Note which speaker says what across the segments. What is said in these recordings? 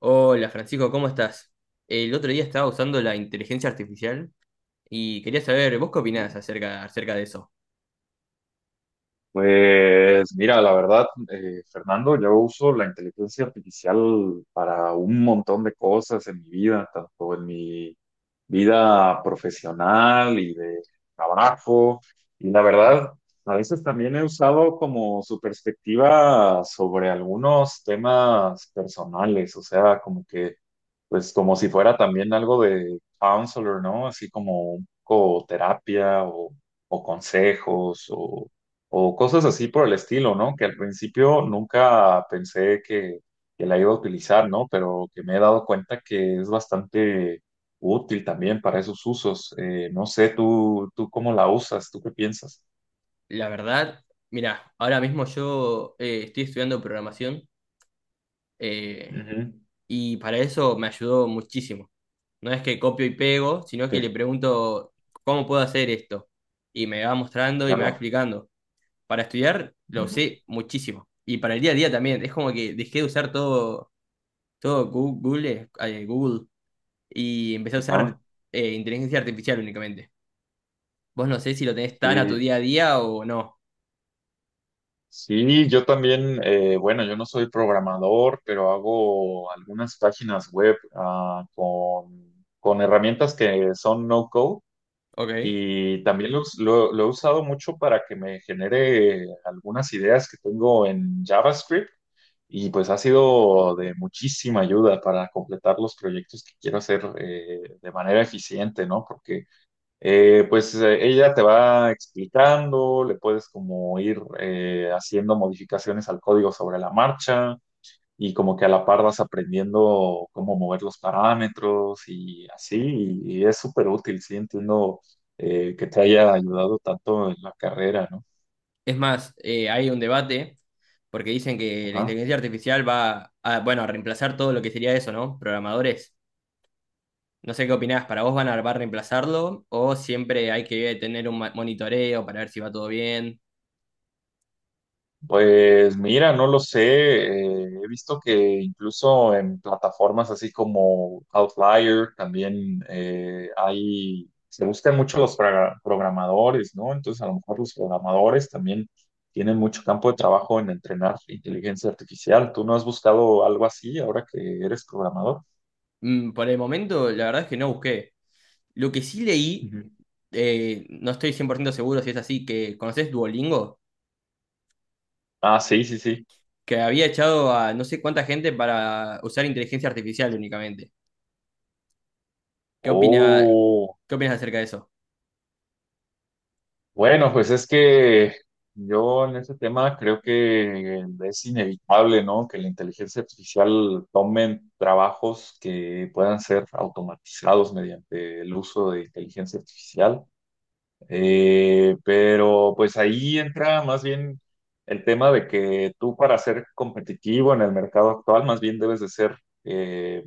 Speaker 1: Hola Francisco, ¿cómo estás? El otro día estaba usando la inteligencia artificial y quería saber, ¿vos qué opinás acerca de eso?
Speaker 2: Pues mira, la verdad, Fernando, yo uso la inteligencia artificial para un montón de cosas en mi vida, tanto en mi vida profesional y de trabajo. Y la verdad, a veces también he usado como su perspectiva sobre algunos temas personales, o sea, como que, pues como si fuera también algo de counselor, ¿no? Así como un poco terapia o consejos o cosas así por el estilo, ¿no? Que al principio nunca pensé que la iba a utilizar, ¿no? Pero que me he dado cuenta que es bastante útil también para esos usos. No sé, tú cómo la usas, tú qué piensas.
Speaker 1: La verdad, mirá, ahora mismo yo estoy estudiando programación eh,
Speaker 2: Ujú,
Speaker 1: y para eso me ayudó muchísimo. No es que copio y pego, sino que le
Speaker 2: sí,
Speaker 1: pregunto, ¿cómo puedo hacer esto? Y me va mostrando y me va
Speaker 2: claro.
Speaker 1: explicando. Para estudiar lo
Speaker 2: Ujú,
Speaker 1: usé muchísimo. Y para el día a día también, es como que dejé de usar todo Google, Google. Y empecé a usar
Speaker 2: ajá.
Speaker 1: inteligencia artificial únicamente. Vos no sé si lo tenés tan a tu
Speaker 2: Sí,
Speaker 1: día a día o no.
Speaker 2: sí, yo también, bueno, yo no soy programador, pero hago algunas páginas web con herramientas que son no-code.
Speaker 1: Ok.
Speaker 2: Y también lo he usado mucho para que me genere algunas ideas que tengo en JavaScript y pues ha sido de muchísima ayuda para completar los proyectos que quiero hacer de manera eficiente, ¿no? Porque ella te va explicando, le puedes como ir haciendo modificaciones al código sobre la marcha y como que a la par vas aprendiendo cómo mover los parámetros y así, y es súper útil, sí, entiendo que te haya ayudado tanto en la carrera, ¿no?
Speaker 1: Es más, hay un debate porque dicen que la
Speaker 2: Ajá.
Speaker 1: inteligencia artificial bueno, a reemplazar todo lo que sería eso, ¿no? Programadores. No sé qué opinás, ¿para vos va a reemplazarlo o siempre hay que tener un monitoreo para ver si va todo bien?
Speaker 2: Pues mira, no lo sé. He visto que incluso en plataformas así como Outlier también hay, se buscan mucho los programadores, ¿no? Entonces a lo mejor los programadores también tienen mucho campo de trabajo en entrenar inteligencia artificial. ¿Tú no has buscado algo así ahora que eres programador?
Speaker 1: Mm, por el momento, la verdad es que no busqué. Lo que sí leí,
Speaker 2: Ujú.
Speaker 1: no estoy 100% seguro si es así, que ¿conocés Duolingo?
Speaker 2: Ah, sí, sí, sí.
Speaker 1: Que había echado a no sé cuánta gente para usar inteligencia artificial únicamente. ¿Qué opina,
Speaker 2: Oh.
Speaker 1: ¿qué opinas acerca de eso?
Speaker 2: Bueno, pues es que yo en este tema creo que es inevitable, ¿no? Que la inteligencia artificial tome trabajos que puedan ser automatizados mediante el uso de inteligencia artificial. Pero pues ahí entra más bien el tema de que tú para ser competitivo en el mercado actual, más bien debes de ser eh,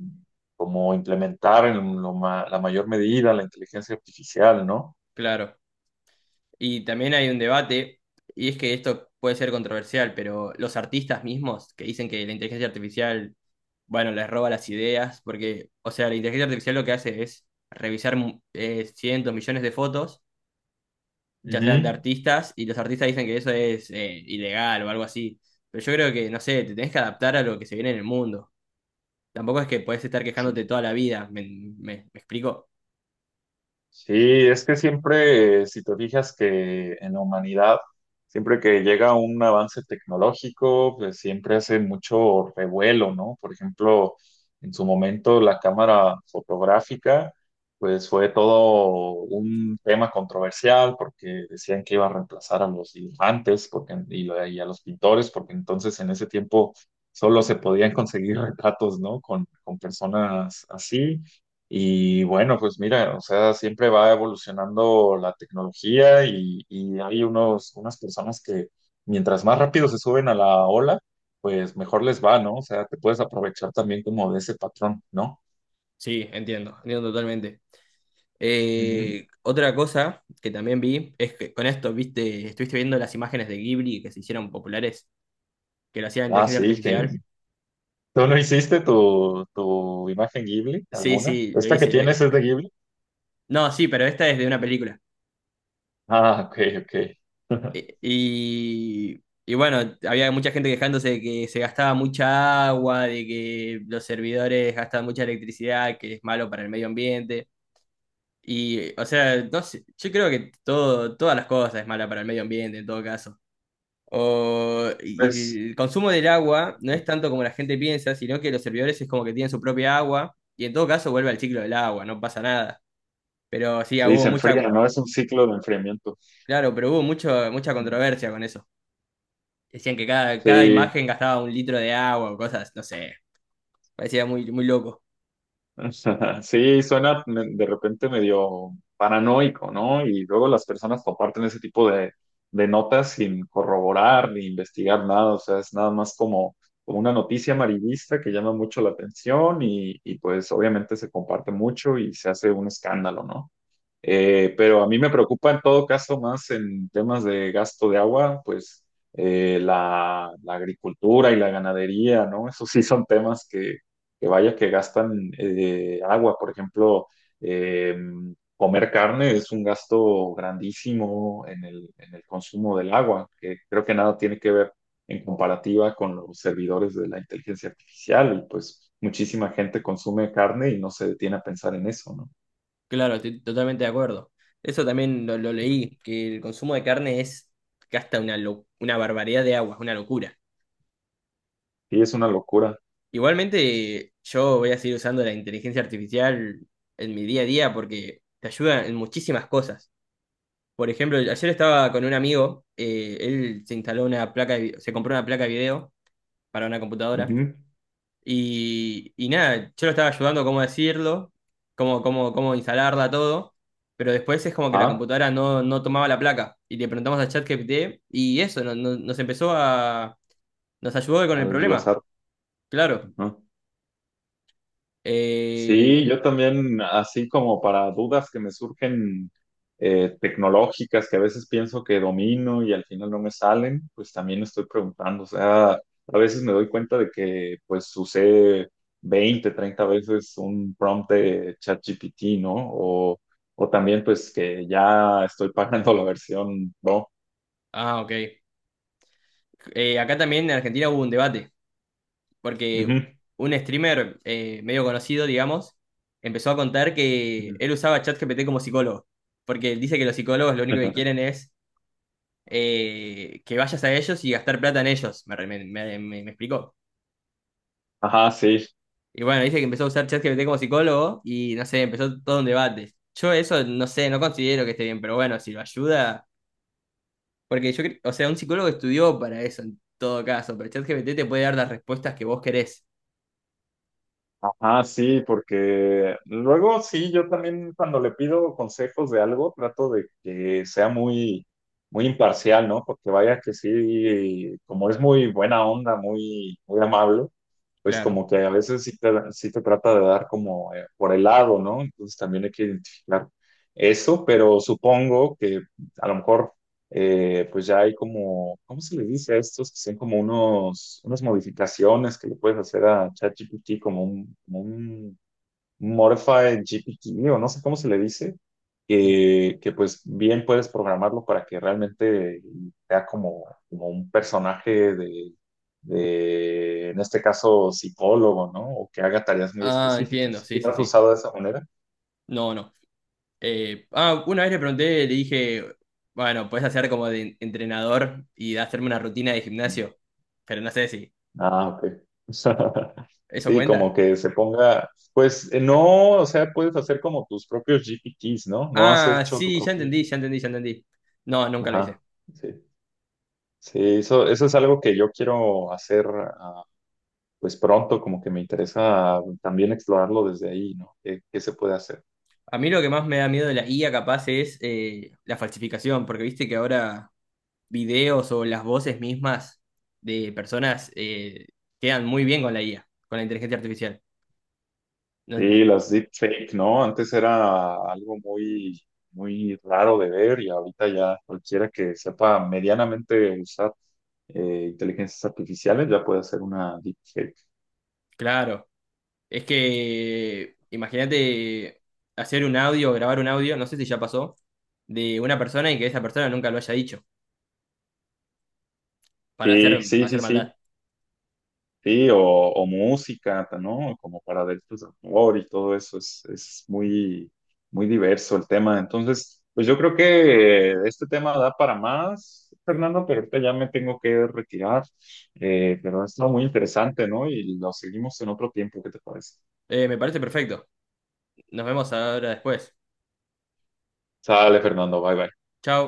Speaker 2: como implementar en la mayor medida la inteligencia artificial, ¿no?
Speaker 1: Claro. Y también hay un debate, y es que esto puede ser controversial, pero los artistas mismos que dicen que la inteligencia artificial, bueno, les roba las ideas, porque, o sea, la inteligencia artificial lo que hace es revisar cientos, millones de fotos, ya sean de
Speaker 2: Ujú.
Speaker 1: artistas, y los artistas dicen que eso es ilegal o algo así. Pero yo creo que, no sé, te tenés que adaptar a lo que se viene en el mundo. Tampoco es que puedes estar
Speaker 2: Sí.
Speaker 1: quejándote toda la vida, ¿ me explico?
Speaker 2: Sí, es que siempre, si te fijas que en la humanidad, siempre que llega un avance tecnológico, pues siempre hace mucho revuelo, ¿no? Por ejemplo, en su momento la cámara fotográfica, pues fue todo un tema controversial porque decían que iba a reemplazar a los dibujantes porque, y a los pintores, porque entonces en ese tiempo solo se podían conseguir retratos, ¿no? Con personas así. Y bueno, pues mira, o sea, siempre va evolucionando la tecnología y hay unas personas que mientras más rápido se suben a la ola, pues mejor les va, ¿no? O sea, te puedes aprovechar también como de ese patrón, no.
Speaker 1: Sí, entiendo, entiendo totalmente.
Speaker 2: Ujú.
Speaker 1: Otra cosa que también vi es que con esto, viste, estuviste viendo las imágenes de Ghibli que se hicieron populares, que lo hacía la
Speaker 2: Ah,
Speaker 1: inteligencia
Speaker 2: sí, que
Speaker 1: artificial.
Speaker 2: tú no hiciste tu imagen Ghibli,
Speaker 1: Sí,
Speaker 2: alguna.
Speaker 1: sí, lo
Speaker 2: ¿Esta que
Speaker 1: hice.
Speaker 2: tienes es de Ghibli?
Speaker 1: No, sí, pero esta es de una película.
Speaker 2: Ah, ok, ok.
Speaker 1: Y, y bueno, había mucha gente quejándose de que se gastaba mucha agua, de que los servidores gastan mucha electricidad, que es malo para el medio ambiente. Y, o sea, no sé, yo creo que todo, todas las cosas es mala para el medio ambiente en todo caso. O,
Speaker 2: Pues
Speaker 1: y el consumo del agua no es tanto como la gente piensa, sino que los servidores es como que tienen su propia agua y en todo caso vuelve al ciclo del agua, no pasa nada. Pero sí,
Speaker 2: sí,
Speaker 1: hubo
Speaker 2: se enfría,
Speaker 1: mucha,
Speaker 2: ¿no? Es un ciclo de enfriamiento.
Speaker 1: claro, pero hubo mucho, mucha controversia con eso. Decían que cada
Speaker 2: Sí,
Speaker 1: imagen gastaba un litro de agua o cosas, no sé, parecía muy, muy loco.
Speaker 2: o sea, sí, suena de repente medio paranoico, ¿no? Y luego las personas comparten ese tipo de notas sin corroborar ni investigar nada, o sea, es nada más como, como una noticia amarillista que llama mucho la atención y pues obviamente se comparte mucho y se hace un escándalo, ¿no? Pero a mí me preocupa en todo caso más en temas de gasto de agua, pues la agricultura y la ganadería, ¿no? Esos sí son temas que vaya que gastan agua. Por ejemplo, eh, comer carne es un gasto grandísimo en en el consumo del agua, que creo que nada tiene que ver en comparativa con los servidores de la inteligencia artificial. Y pues muchísima gente consume carne y no se detiene a pensar en eso, ¿no?
Speaker 1: Claro, estoy totalmente de acuerdo. Eso también lo leí, que el consumo de carne es gasta una, una barbaridad de agua, una locura.
Speaker 2: Y es una locura.
Speaker 1: Igualmente, yo voy a seguir usando la inteligencia artificial en mi día a día porque te ayuda en muchísimas cosas. Por ejemplo, ayer estaba con un amigo, él se instaló una placa de se compró una placa de video para una computadora.
Speaker 2: Ujú.
Speaker 1: Y nada, yo lo estaba ayudando cómo decirlo, cómo instalarla, todo. Pero después es como que la
Speaker 2: Ah,
Speaker 1: computadora no, no tomaba la placa. Y le preguntamos a ChatGPT y eso, nos empezó a... Nos ayudó con el
Speaker 2: al
Speaker 1: problema,
Speaker 2: glosar.
Speaker 1: claro.
Speaker 2: Ujú.
Speaker 1: Eh,
Speaker 2: Sí, yo también, así como para dudas que me surgen tecnológicas que a veces pienso que domino y al final no me salen, pues también estoy preguntando. O sea, a veces me doy cuenta de que pues usé 20, 30 veces un prompt de ChatGPT, ¿no? O también pues que ya estoy pagando la versión Pro.
Speaker 1: ok. Acá también en Argentina hubo un debate, porque
Speaker 2: Ujú.
Speaker 1: un streamer medio conocido, digamos, empezó a contar que
Speaker 2: Ujú.
Speaker 1: él usaba ChatGPT como psicólogo, porque él dice que los psicólogos lo único que quieren es que vayas a ellos y gastar plata en ellos, me explicó.
Speaker 2: Ajá, sí,
Speaker 1: Y bueno, dice que empezó a usar ChatGPT como psicólogo y no sé, empezó todo un debate. Yo eso no sé, no considero que esté bien, pero bueno, si lo ayuda, porque yo creo, o sea, un psicólogo estudió para eso en todo caso, pero ChatGPT te puede dar las respuestas que vos querés.
Speaker 2: ajá, sí, porque luego sí, yo también cuando le pido consejos de algo, trato de que sea muy, muy imparcial, ¿no? Porque vaya que sí, como es muy buena onda, muy, muy amable, pues
Speaker 1: Claro.
Speaker 2: como que a veces sí te trata de dar como por el lado, ¿no? Entonces también hay que identificar eso, pero supongo que a lo mejor pues ya hay como, ¿cómo se le dice a estos? Que son como unas modificaciones que le puedes hacer a ChatGPT, como como un Modified GPT, o no sé cómo se le dice, que pues bien puedes programarlo para que realmente sea como, como un personaje de, en este caso, psicólogo, ¿no? O que haga tareas muy
Speaker 1: Ah, entiendo,
Speaker 2: específicas. ¿Sí
Speaker 1: sí, sí,
Speaker 2: lo has
Speaker 1: sí.
Speaker 2: usado de esa manera?
Speaker 1: No, no. Una vez le pregunté, le dije, bueno, puedes hacer como de entrenador y hacerme una rutina de gimnasio, pero no sé si
Speaker 2: Ah, ok.
Speaker 1: eso
Speaker 2: Sí, como
Speaker 1: cuenta.
Speaker 2: que se ponga, pues no, o sea, puedes hacer como tus propios GPTs, ¿no? No has
Speaker 1: Ah,
Speaker 2: hecho tu
Speaker 1: sí, ya
Speaker 2: propio
Speaker 1: entendí, ya
Speaker 2: GPT.
Speaker 1: entendí, ya entendí. No, nunca lo
Speaker 2: Ajá,
Speaker 1: hice.
Speaker 2: sí. Sí, eso es algo que yo quiero hacer, pues pronto, como que me interesa también explorarlo desde ahí, ¿no? ¿Qué, qué se puede hacer?
Speaker 1: A mí lo que más me da miedo de la IA capaz es la falsificación, porque viste que ahora videos o las voces mismas de personas quedan muy bien con la IA, con la inteligencia artificial. No-
Speaker 2: Sí,
Speaker 1: n-
Speaker 2: las deepfake, ¿no? Antes era algo muy, muy raro de ver y ahorita ya cualquiera que sepa medianamente usar inteligencias artificiales, ya puede hacer una deepfake.
Speaker 1: claro, es que imagínate hacer un audio, grabar un audio, no sé si ya pasó, de una persona y que esa persona nunca lo haya dicho,
Speaker 2: Sí,
Speaker 1: para
Speaker 2: sí, sí,
Speaker 1: hacer
Speaker 2: sí.
Speaker 1: maldad.
Speaker 2: Sí, o música, ¿no? Como para delitos de amor y todo eso. Es muy, muy diverso el tema. Entonces, pues yo creo que este tema da para más, Fernando, pero ahorita ya me tengo que retirar. Pero ha estado muy interesante, ¿no? Y lo seguimos en otro tiempo, ¿qué te parece?
Speaker 1: Me parece perfecto. Nos vemos ahora después.
Speaker 2: Sale, Fernando, bye bye.
Speaker 1: Chao.